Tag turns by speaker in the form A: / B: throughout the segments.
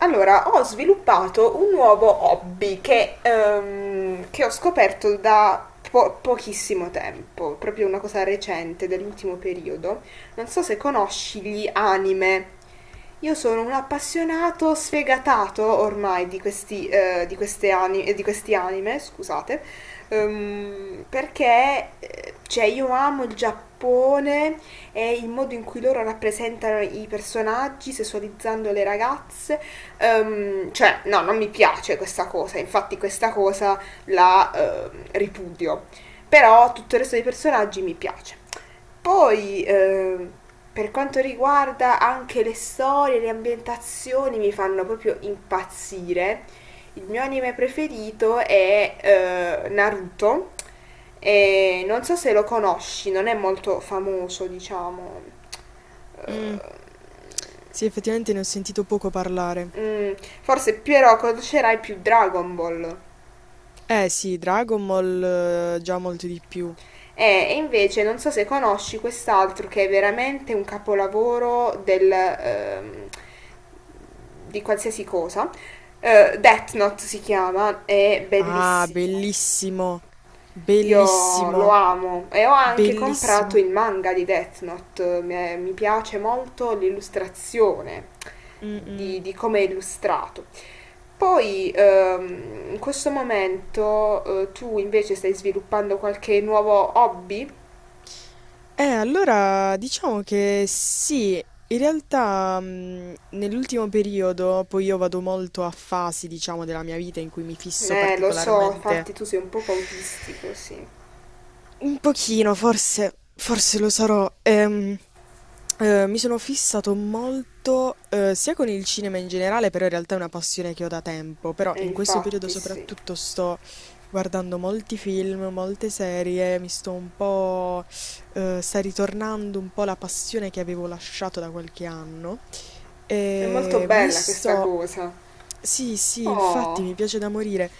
A: Allora, ho sviluppato un nuovo hobby che ho scoperto da pochissimo tempo, proprio una cosa recente dell'ultimo periodo. Non so se conosci gli anime. Io sono un appassionato sfegatato ormai di questi, di queste di questi anime, scusate, perché cioè, io amo il Giappone e il modo in cui loro rappresentano i personaggi, sessualizzando le ragazze. Cioè, no, non mi piace questa cosa, infatti questa cosa la ripudio. Però tutto il resto dei personaggi mi piace. Poi, per quanto riguarda anche le storie, le ambientazioni, mi fanno proprio impazzire. Il mio anime preferito è Naruto. E non so se lo conosci, non è molto famoso, diciamo.
B: Mm.
A: Eh,
B: Sì, effettivamente ne ho sentito poco parlare.
A: mm, forse Piero conoscerai più Dragon Ball.
B: Eh sì, Dragon Ball già molto di più.
A: E invece non so se conosci quest'altro che è veramente un capolavoro del, di qualsiasi cosa. Death Note si chiama, è
B: Ah,
A: bellissimo.
B: bellissimo,
A: Io lo
B: bellissimo,
A: amo e ho anche comprato
B: bellissimo.
A: il manga di Death Note. Mi piace molto l'illustrazione
B: Mm, mm.
A: di come è illustrato. Poi in questo momento tu invece stai sviluppando qualche nuovo hobby?
B: Allora diciamo che sì, in realtà nell'ultimo periodo, poi io vado molto a fasi, diciamo, della mia vita in cui mi fisso
A: Lo so,
B: particolarmente.
A: infatti tu sei un poco autistico, sì.
B: Un pochino, forse, forse lo sarò. Mi sono fissato molto, sia con il cinema in generale, però in realtà è una passione che ho da tempo, però
A: E
B: in questo periodo
A: infatti sì.
B: soprattutto sto guardando molti film, molte serie, mi sto un po', sta ritornando un po' la passione che avevo lasciato da qualche anno.
A: È molto
B: E mi
A: bella questa
B: sto...
A: cosa.
B: Sì, sì, infatti
A: Oh,
B: mi piace da morire.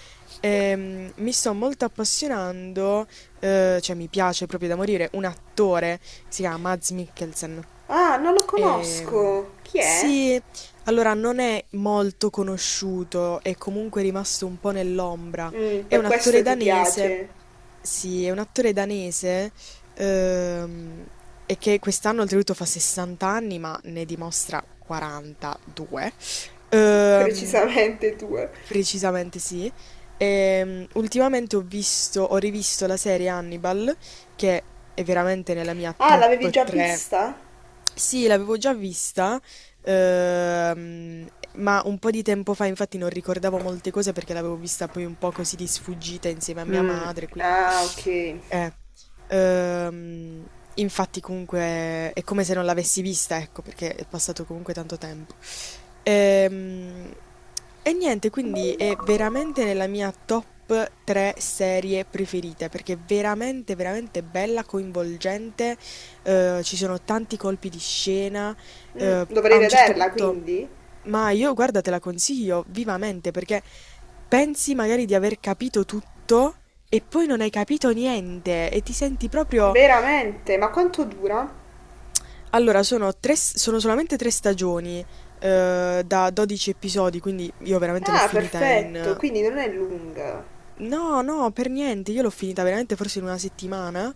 B: Mi sto molto appassionando, cioè mi piace proprio da morire, un attore, si chiama Mads Mikkelsen.
A: ah, non lo
B: Ehm,
A: conosco. Chi è?
B: sì, allora non è molto conosciuto, è comunque rimasto un po' nell'ombra.
A: Mm,
B: È
A: per
B: un
A: questo
B: attore
A: ti
B: danese.
A: piace.
B: Sì, è un attore danese. Ehm, e che quest'anno oltretutto fa 60 anni, ma ne dimostra 42. Ehm,
A: Precisamente tu.
B: Precisamente sì. Ultimamente ho visto, ho rivisto la serie Hannibal, che è veramente nella mia
A: Ah, l'avevi
B: top
A: già
B: 3.
A: vista?
B: Sì, l'avevo già vista, ehm, ma un po' di tempo fa, infatti non ricordavo molte cose perché l'avevo vista poi un po' così di sfuggita insieme a mia
A: Mm,
B: madre, quindi...
A: ah, ok.
B: Eh, ehm, Infatti comunque è come se non l'avessi vista, ecco, perché è passato comunque tanto tempo. Ehm, e niente, quindi è veramente nella mia top 3 serie preferite perché è veramente, veramente bella, coinvolgente. Ci sono tanti colpi di scena
A: Mm,
B: a
A: dovrei
B: un certo
A: vederla
B: punto,
A: quindi?
B: ma io guarda, te la consiglio vivamente perché pensi magari di aver capito tutto e poi non hai capito niente e ti senti proprio...
A: Veramente? Ma quanto dura?
B: Allora, tre, sono solamente tre stagioni, da 12 episodi, quindi io veramente l'ho
A: Ah,
B: finita
A: perfetto,
B: in...
A: quindi non è lunga.
B: No, no, per niente, io l'ho finita veramente forse in una settimana.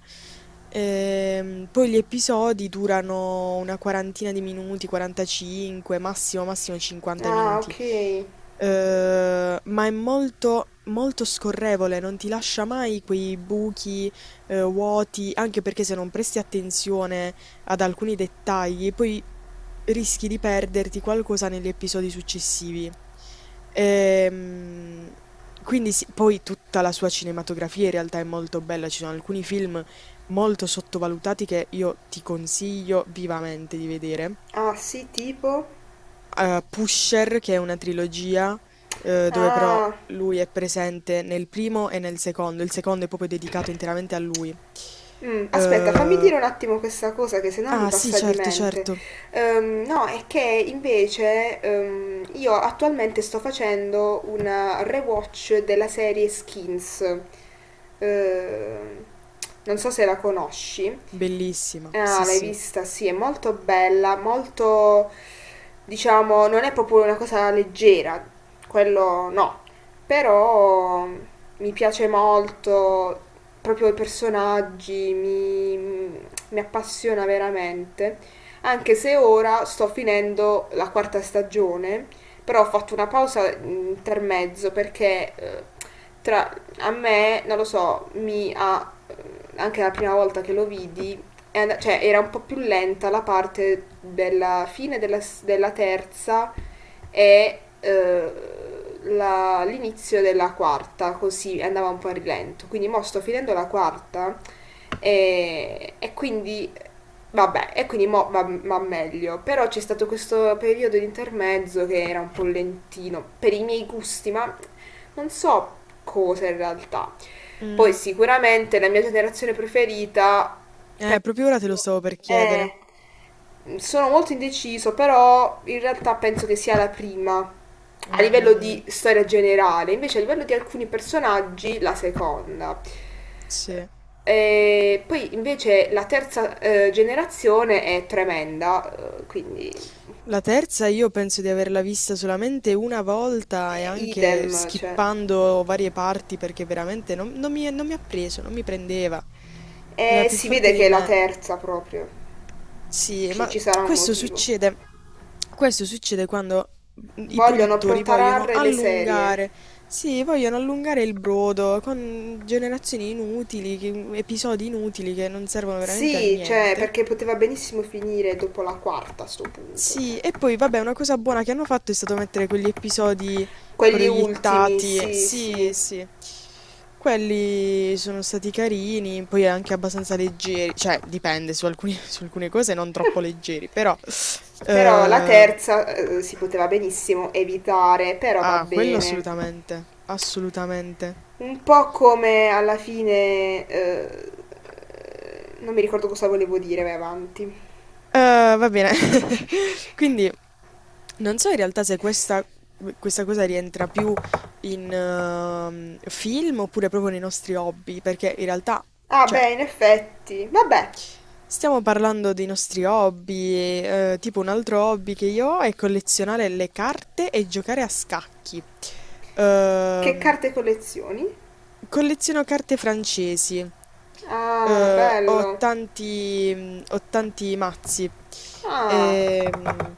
B: Poi gli episodi durano una quarantina di minuti, 45, massimo, massimo 50
A: Ah,
B: minuti.
A: ok.
B: Ma è molto, molto scorrevole, non ti lascia mai quei buchi, vuoti, anche perché se non presti attenzione ad alcuni dettagli, e poi rischi di perderti qualcosa negli episodi successivi. Ehm, quindi sì, poi tutta la sua cinematografia in realtà è molto bella, ci sono alcuni film molto sottovalutati che io ti consiglio vivamente di vedere.
A: Ah, sì, tipo.
B: Pusher, che è una trilogia, dove però
A: Ah.
B: lui è presente nel primo e nel secondo, il secondo è proprio dedicato interamente a lui.
A: Mm, aspetta, fammi dire
B: Eh,
A: un attimo questa cosa che sennò mi
B: ah sì,
A: passa di
B: certo,
A: mente.
B: certo.
A: No, è che invece io attualmente sto facendo una rewatch della serie Skins. Ehm, non so se la conosci.
B: Bellissima,
A: Ah,
B: sì,
A: l'hai
B: sì.
A: vista? Sì, è molto bella, molto, diciamo, non è proprio una cosa leggera, quello no, però mi piace molto, proprio i personaggi, mi appassiona veramente. Anche se ora sto finendo la quarta stagione, però ho fatto una pausa intermezzo perché tra, a me, non lo so, mi ha, anche la prima volta che lo vidi, è cioè era un po' più lenta la parte della fine della, della terza e l'inizio della quarta, così andava un po' a rilento. Quindi mo sto finendo la quarta e quindi vabbè, e quindi mo va meglio. Però c'è stato questo periodo di intermezzo che era un po' lentino per i miei gusti, ma non so cosa in realtà. Poi
B: Mm.
A: sicuramente la mia generazione preferita,
B: Proprio ora te lo
A: penso,
B: stavo per chiedere.
A: eh, sono molto indeciso, però in realtà penso che sia la prima
B: Mm,
A: a livello
B: mm,
A: di
B: mm.
A: storia generale, invece a livello di alcuni personaggi la seconda.
B: Sì.
A: E poi invece la terza generazione è tremenda, quindi
B: La terza io penso di averla vista solamente una volta e anche
A: idem, cioè,
B: skippando varie parti perché veramente non mi, non mi ha preso, non mi prendeva. Era
A: e
B: più
A: si
B: forte
A: vede
B: di
A: che è la
B: me.
A: terza proprio,
B: Sì,
A: ci,
B: ma
A: ci sarà un
B: questo
A: motivo.
B: succede, questo succede quando i
A: Vogliono
B: produttori vogliono
A: protrarre le serie.
B: allungare, sì, vogliono allungare il brodo con generazioni inutili, episodi inutili che non servono veramente a
A: Sì, cioè,
B: niente.
A: perché poteva benissimo finire dopo la quarta a sto punto, cioè.
B: Sì, e poi vabbè, una cosa buona che hanno fatto è stato mettere quegli episodi
A: Quelli ultimi,
B: proiettati,
A: sì,
B: sì,
A: sì.
B: sì. Quelli sono stati carini, poi anche abbastanza leggeri, cioè su alcune cose non troppo leggeri, però...
A: Però la
B: Ehm,
A: terza si poteva benissimo evitare, però va
B: ah, quello
A: bene.
B: assolutamente, assolutamente.
A: Un po' come alla fine... non mi ricordo cosa volevo dire, vai avanti.
B: Va bene. Quindi non so in realtà se questa cosa rientra più in film oppure proprio nei nostri hobby, perché in realtà,
A: Ah,
B: cioè,
A: beh, in effetti. Vabbè,
B: stiamo parlando dei nostri hobby, tipo un altro hobby che io ho è collezionare le carte e giocare a scacchi.
A: che
B: Ehm,
A: carte collezioni?
B: Colleziono carte francesi.
A: Ah,
B: Ho
A: bello.
B: ho tanti mazzi.
A: Ah,
B: Ehm,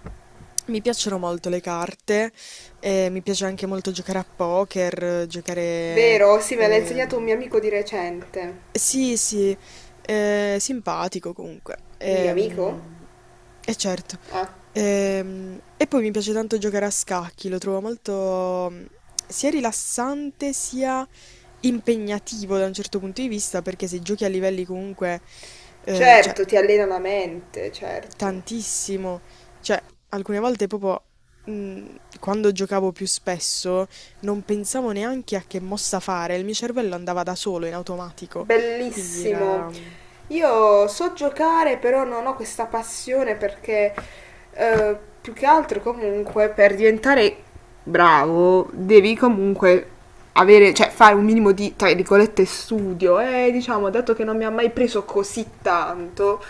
B: Mi piacciono molto le carte, mi piace anche molto giocare a poker,
A: vero? Sì, me l'ha insegnato un
B: ehm,
A: mio amico di recente.
B: sì, simpatico comunque.
A: Il mio amico?
B: E certo.
A: Ah,
B: E poi mi piace tanto giocare a scacchi, lo trovo molto sia rilassante sia impegnativo da un certo punto di vista, perché se giochi a livelli comunque, eh, cioè,
A: certo, ti allena la mente, certo.
B: tantissimo, cioè, alcune volte proprio, mm, quando giocavo più spesso, non pensavo neanche a che mossa fare, il mio cervello andava da solo in automatico. Quindi
A: Bellissimo.
B: era.
A: Io so giocare, però non ho questa passione perché più che altro comunque per diventare bravo devi comunque avere, cioè fare un minimo di, tra virgolette, studio e diciamo, dato che non mi ha mai preso così tanto,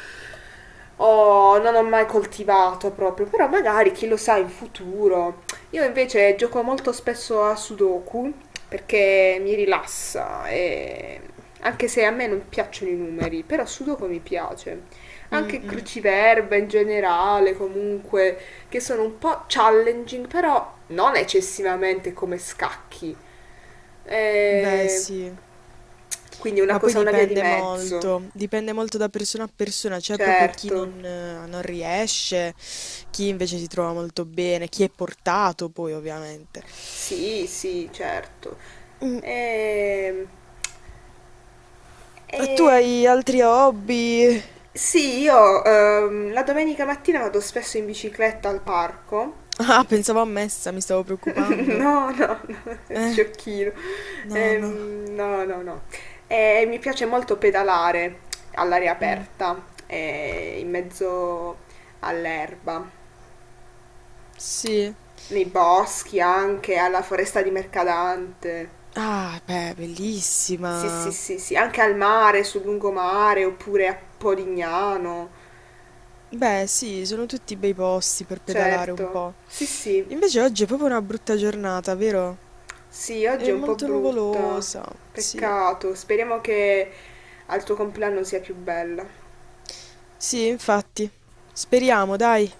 A: non ho mai coltivato proprio, però magari chi lo sa in futuro io invece gioco molto spesso a Sudoku perché mi rilassa e anche se a me non piacciono i numeri, però Sudoku mi piace.
B: Mm,
A: Anche
B: mm.
A: cruciverba in generale, comunque, che sono un po' challenging, però non eccessivamente come scacchi.
B: Beh,
A: Eh,
B: sì,
A: Quindi una
B: ma poi
A: cosa, una via di mezzo.
B: dipende molto da persona a persona, c'è proprio chi
A: Certo.
B: non riesce, chi invece si trova molto bene, chi è portato poi ovviamente.
A: Sì, sì, certo.
B: Mm.
A: Ehm,
B: E tu
A: E,
B: hai altri hobby?
A: sì, io la domenica mattina vado spesso in bicicletta al parco.
B: Ah, pensavo a messa, mi stavo preoccupando.
A: No, no, no,
B: Eh,
A: sciocchino.
B: no, no.
A: No, no, no. E mi piace molto pedalare all'aria
B: Mm,
A: aperta, in mezzo all'erba,
B: sì.
A: nei boschi anche, alla foresta di Mercadante.
B: Ah, beh,
A: Sì, sì,
B: bellissima.
A: sì, sì, anche al mare, sul lungomare, oppure a Polignano,
B: Beh, sì, sono tutti bei posti per pedalare un
A: certo.
B: po'.
A: Sì, sì.
B: Invece oggi è proprio una brutta giornata, vero?
A: Sì, oggi
B: È
A: è un po'
B: molto
A: brutta.
B: nuvolosa, sì.
A: Peccato. Speriamo che al tuo compleanno sia più bella.
B: Sì, infatti. Speriamo, dai.